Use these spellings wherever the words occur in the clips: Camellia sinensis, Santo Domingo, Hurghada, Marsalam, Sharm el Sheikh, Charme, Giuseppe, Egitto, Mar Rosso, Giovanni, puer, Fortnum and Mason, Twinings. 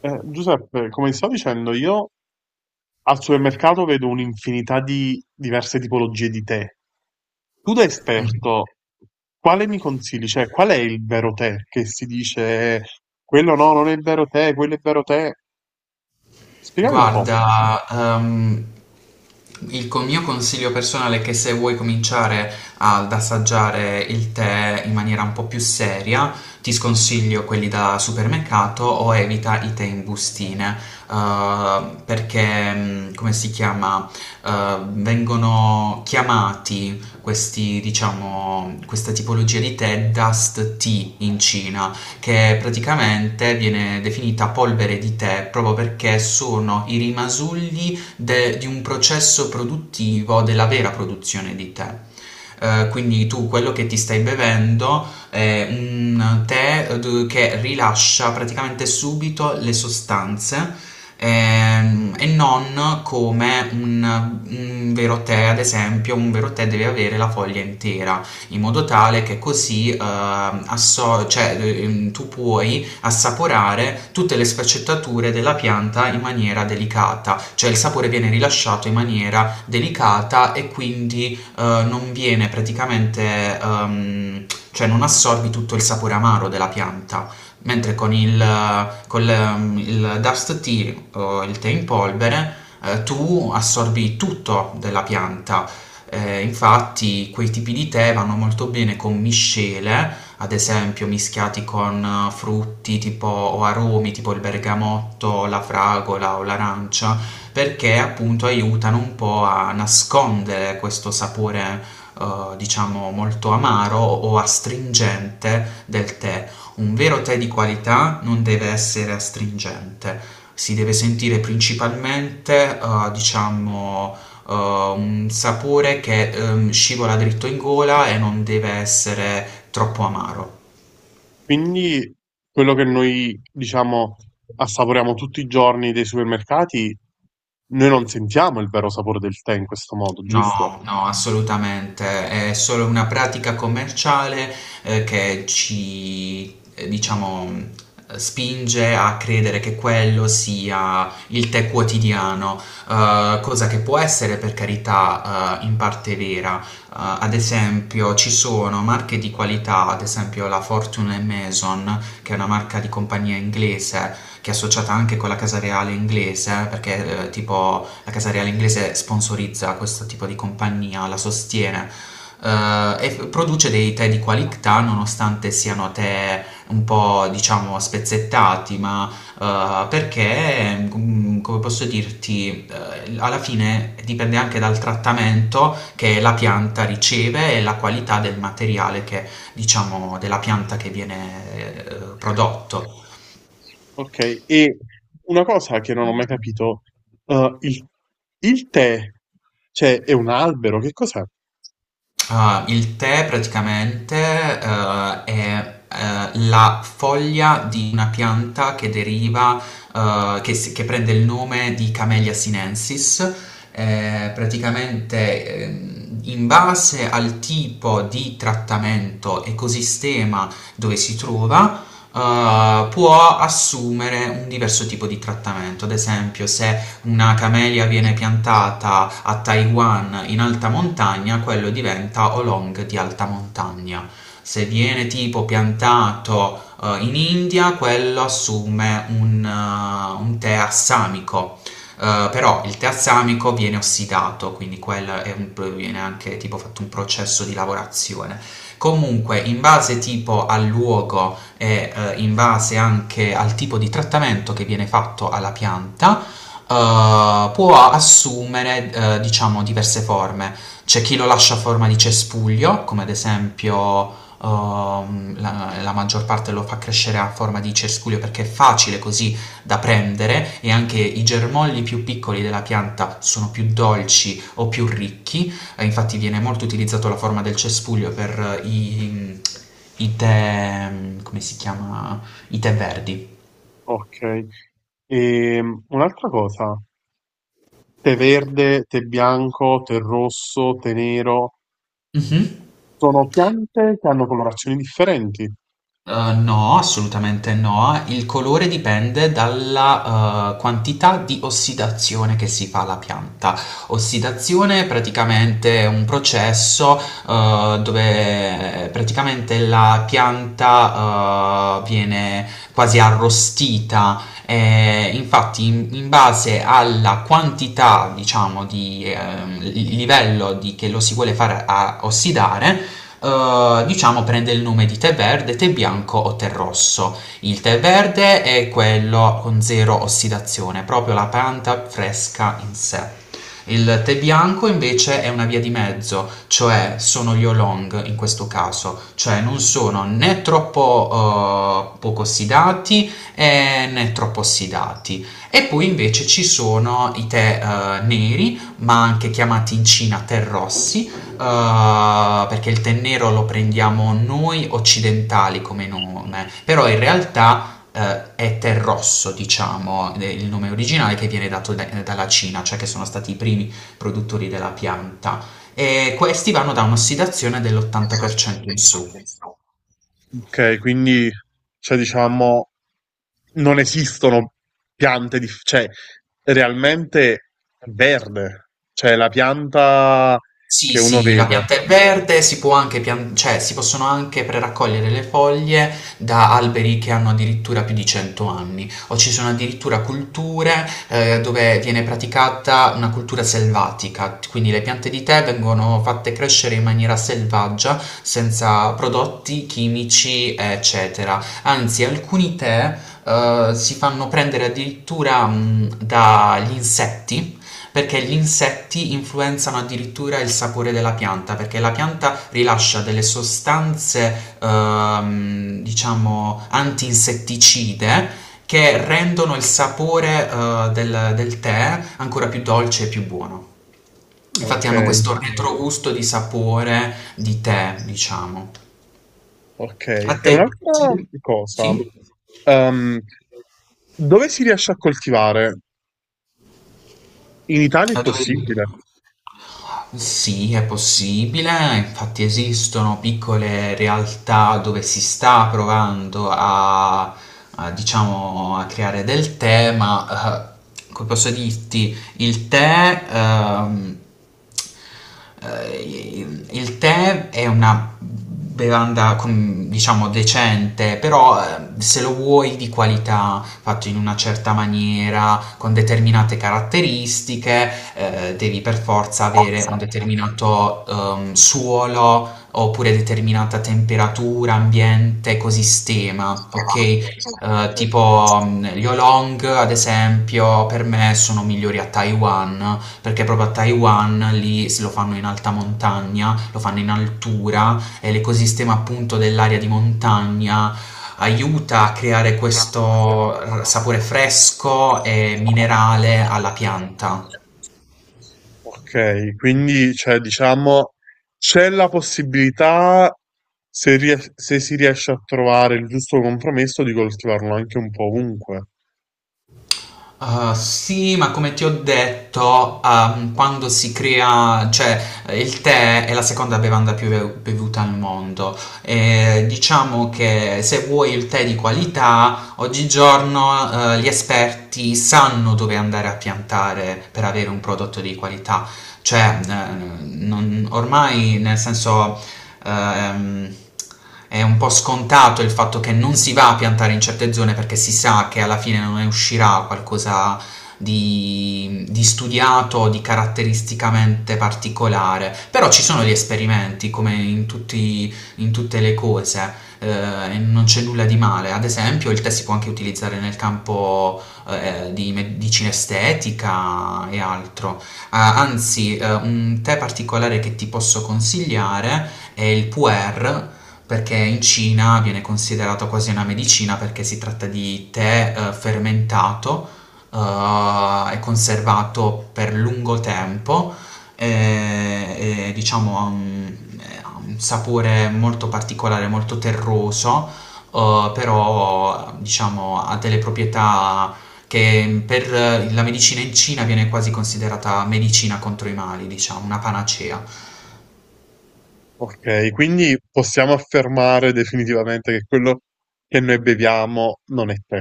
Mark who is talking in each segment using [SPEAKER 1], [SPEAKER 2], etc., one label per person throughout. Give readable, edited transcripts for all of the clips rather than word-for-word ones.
[SPEAKER 1] Giuseppe, come ti stavo dicendo, io al supermercato vedo un'infinità di diverse tipologie di tè. Tu da esperto, quale mi consigli? Cioè, qual è il vero tè che si dice quello no, non è il vero tè, quello è il vero tè? Spiegami un po'.
[SPEAKER 2] Guarda, mio consiglio personale è che se vuoi cominciare ad assaggiare il tè in maniera un po' più seria, ti sconsiglio quelli da supermercato o evita i tè in bustine, perché, mm, come si chiama, vengono chiamati questi, diciamo, questa tipologia di tè dust tea in Cina che praticamente viene definita polvere di tè proprio perché sono i rimasugli di un processo produttivo della vera produzione di tè. Quindi tu quello che ti stai bevendo è un tè che rilascia praticamente subito le sostanze, e non come un vero tè, ad esempio, un vero tè deve avere la foglia intera in modo tale che così cioè, tu puoi assaporare tutte le sfaccettature della pianta in maniera delicata, cioè il sapore viene rilasciato in maniera delicata e quindi non viene praticamente, cioè non assorbi tutto il sapore amaro della pianta. Mentre con il dust tea o il tè in polvere, tu assorbi tutto della pianta, infatti quei tipi di tè vanno molto bene con miscele, ad esempio mischiati con frutti tipo o aromi tipo il bergamotto, la fragola o l'arancia, perché appunto aiutano un po' a nascondere questo sapore, diciamo molto amaro o astringente del tè. Un vero tè di qualità non deve essere astringente, si deve sentire principalmente, eh, un sapore che scivola dritto in gola e non deve essere troppo amaro.
[SPEAKER 1] Quindi, quello che noi, diciamo, assaporiamo tutti i giorni dei supermercati, noi non sentiamo il vero sapore del tè in questo modo, giusto?
[SPEAKER 2] No, no, assolutamente. È solo una pratica commerciale, diciamo, spinge a credere che quello sia il tè quotidiano, cosa che può essere, per carità, in parte vera. Ad esempio, ci sono marche di qualità, ad esempio la Fortune e Mason, che è una marca di compagnia inglese che è associata anche con la Casa Reale inglese, perché tipo la Casa Reale inglese sponsorizza questo tipo di compagnia, la sostiene. Produce dei tè di qualità nonostante siano tè un po', diciamo, spezzettati, ma come posso dirti, alla fine dipende anche dal trattamento che la pianta riceve e la qualità del materiale che, diciamo, della pianta che viene prodotto.
[SPEAKER 1] Ok, e una cosa che non ho mai capito, eh, il, il tè, cioè, è un albero, che cos'è?
[SPEAKER 2] Ah, il tè praticamente è la foglia di una pianta che deriva, che prende il nome di Camellia sinensis. Praticamente, in base al tipo di trattamento, ecosistema dove si trova, può assumere un diverso tipo di trattamento. Ad esempio, se una camellia viene piantata a Taiwan in alta montagna, quello diventa oolong di alta montagna. Se viene tipo piantato in India, quello assume un tè assamico. Però il tè assamico viene ossidato, quindi quello viene anche tipo fatto un processo di lavorazione. Comunque, in base tipo al luogo e, in base anche al tipo di trattamento che viene fatto alla pianta, può assumere, diciamo, diverse forme. C'è chi lo lascia a forma di cespuglio, come ad esempio la maggior parte lo fa crescere a forma di cespuglio perché è facile così da prendere e anche i germogli più piccoli della pianta sono più dolci o più ricchi. Infatti viene molto utilizzato la forma del cespuglio per i tè, come si chiama? I tè verdi.
[SPEAKER 1] Ok, e un'altra cosa, tè verde, tè bianco, tè rosso, tè nero,
[SPEAKER 2] Mhm.
[SPEAKER 1] sono piante che hanno colorazioni differenti.
[SPEAKER 2] No, assolutamente no. Il colore dipende dalla, quantità di ossidazione che si fa alla pianta. Ossidazione praticamente è un processo, dove praticamente la pianta, viene quasi arrostita, e infatti in base alla quantità, diciamo, di, il livello di che lo si vuole fare a ossidare, diciamo prende il nome di tè verde, tè bianco o tè rosso. Il tè verde è quello con zero ossidazione, proprio la pianta fresca in sé. Il tè bianco invece è una via di mezzo, cioè sono gli oolong in questo caso, cioè non sono né troppo, poco ossidati, né troppo ossidati. E poi invece ci sono i tè, neri, ma anche chiamati in Cina tè rossi, perché il tè nero lo prendiamo noi occidentali come nome, però in realtà è tè rosso, diciamo, il nome originale che viene dato dalla Cina, cioè che sono stati i primi produttori della pianta. E questi vanno da un'ossidazione dell'80% in su.
[SPEAKER 1] Ok, quindi, cioè, diciamo, non esistono piante, cioè, realmente è verde, cioè, la pianta
[SPEAKER 2] Sì,
[SPEAKER 1] che uno
[SPEAKER 2] sì, la
[SPEAKER 1] vede.
[SPEAKER 2] pianta è verde, si può anche cioè, si possono anche preraccogliere le foglie da alberi che hanno addirittura più di 100 anni, o ci sono addirittura culture, dove viene praticata una cultura selvatica, quindi le piante di tè vengono fatte crescere in maniera selvaggia, senza prodotti chimici, eccetera. Anzi, alcuni tè, si fanno prendere addirittura, dagli insetti, perché gli insetti influenzano addirittura il sapore della pianta, perché la pianta rilascia delle sostanze, diciamo, antinsetticide che rendono il sapore, del tè ancora più dolce e più buono. Infatti
[SPEAKER 1] Ok,
[SPEAKER 2] hanno questo retrogusto di sapore di tè, diciamo.
[SPEAKER 1] ok.
[SPEAKER 2] A
[SPEAKER 1] E
[SPEAKER 2] te
[SPEAKER 1] un'altra
[SPEAKER 2] piace? Sì?
[SPEAKER 1] cosa, ehm, dove si riesce a coltivare? In Italia è
[SPEAKER 2] A dove...
[SPEAKER 1] possibile.
[SPEAKER 2] Sì, è possibile, infatti esistono piccole realtà dove si sta provando a, diciamo, a creare del tè, ma come posso dirti, il tè è una bevanda, diciamo, decente, però se lo vuoi di qualità, fatto in una certa maniera, con determinate caratteristiche, devi per forza avere un determinato, suolo oppure determinata temperatura, ambiente, ecosistema, ok? Tipo, gli oolong, ad esempio, per me sono migliori a Taiwan, perché proprio a Taiwan lì se lo fanno in alta montagna, lo fanno in altura e l'ecosistema appunto dell'area di montagna aiuta a creare questo sapore fresco e minerale alla pianta.
[SPEAKER 1] Ok, quindi cioè, diciamo c'è la possibilità, se si riesce a trovare il giusto compromesso, di coltivarlo anche un po' ovunque.
[SPEAKER 2] Sì, ma come ti ho detto, quando si crea, cioè il tè è la seconda bevanda più bevuta al mondo. E diciamo che se vuoi il tè di qualità, oggigiorno, gli esperti sanno dove andare a piantare per avere un prodotto di qualità. Cioè, ormai, nel senso, ehm, è un po' scontato il fatto che non si va a piantare in certe zone perché si sa che alla fine non ne uscirà qualcosa di studiato, di caratteristicamente particolare. Però ci sono gli esperimenti, come in tutte le cose, e non c'è nulla di male. Ad esempio, il tè si può anche utilizzare nel campo, di medicina estetica e altro. Ah, anzi, un tè particolare che ti posso consigliare è il puer, perché in Cina viene considerato quasi una medicina perché si tratta di tè, fermentato, e conservato per lungo tempo diciamo, ha ha un sapore molto particolare, molto terroso, però diciamo ha delle proprietà che per la medicina in Cina viene quasi considerata medicina contro i mali, diciamo, una panacea.
[SPEAKER 1] Ok, quindi possiamo affermare definitivamente che quello che noi beviamo non è tè.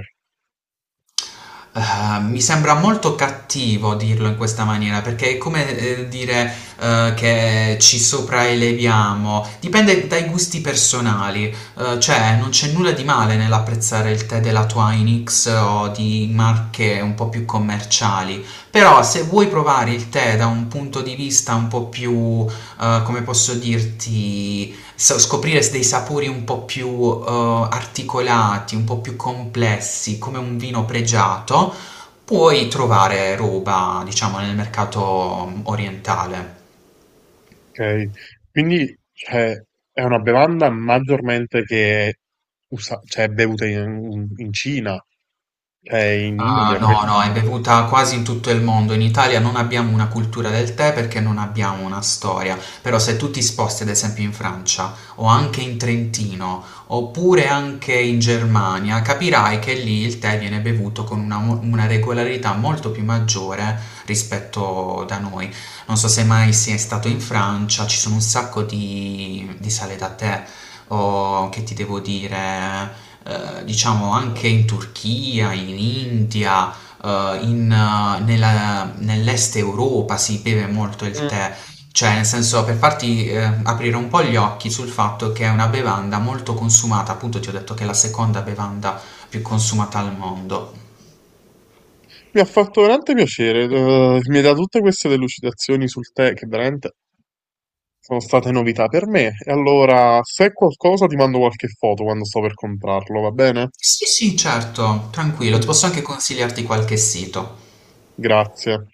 [SPEAKER 2] Mi sembra molto cattivo dirlo in questa maniera perché è come dire che ci sopraeleviamo, dipende dai gusti personali. Cioè, non c'è nulla di male nell'apprezzare il tè della Twinings o di marche un po' più commerciali, però se vuoi provare il tè da un punto di vista un po' più, come posso dirti, scoprire dei sapori un po' più, articolati, un po' più complessi, come un vino pregiato, puoi trovare roba, diciamo, nel mercato, orientale.
[SPEAKER 1] Okay. Quindi, cioè, è una bevanda maggiormente che è, usa cioè è bevuta in Cina, cioè in
[SPEAKER 2] Ah,
[SPEAKER 1] India
[SPEAKER 2] no, no,
[SPEAKER 1] questo.
[SPEAKER 2] è bevuta quasi in tutto il mondo. In Italia non abbiamo una cultura del tè perché non abbiamo una storia. Però se tu ti sposti, ad esempio, in Francia o anche in Trentino, oppure anche in Germania, capirai che lì il tè viene bevuto con una, una regolarità molto più maggiore rispetto da noi. Non so se mai sei stato in Francia, ci sono un sacco di sale da tè, o che ti devo dire, diciamo anche in Turchia, in India, nell'est Europa si beve molto il
[SPEAKER 1] Mh.
[SPEAKER 2] tè. Cioè, nel senso, per farti aprire un po' gli occhi sul fatto che è una bevanda molto consumata, appunto ti ho detto che è la seconda bevanda più consumata al mondo.
[SPEAKER 1] Mi ha fatto veramente piacere, mi hai dato tutte queste delucidazioni sul tè che veramente sono state novità per me. E allora, se è qualcosa ti mando qualche foto quando sto per comprarlo, va bene?
[SPEAKER 2] Sì, sì, certo, tranquillo, ti
[SPEAKER 1] Mh.
[SPEAKER 2] posso anche consigliarti qualche sito.
[SPEAKER 1] Grazie.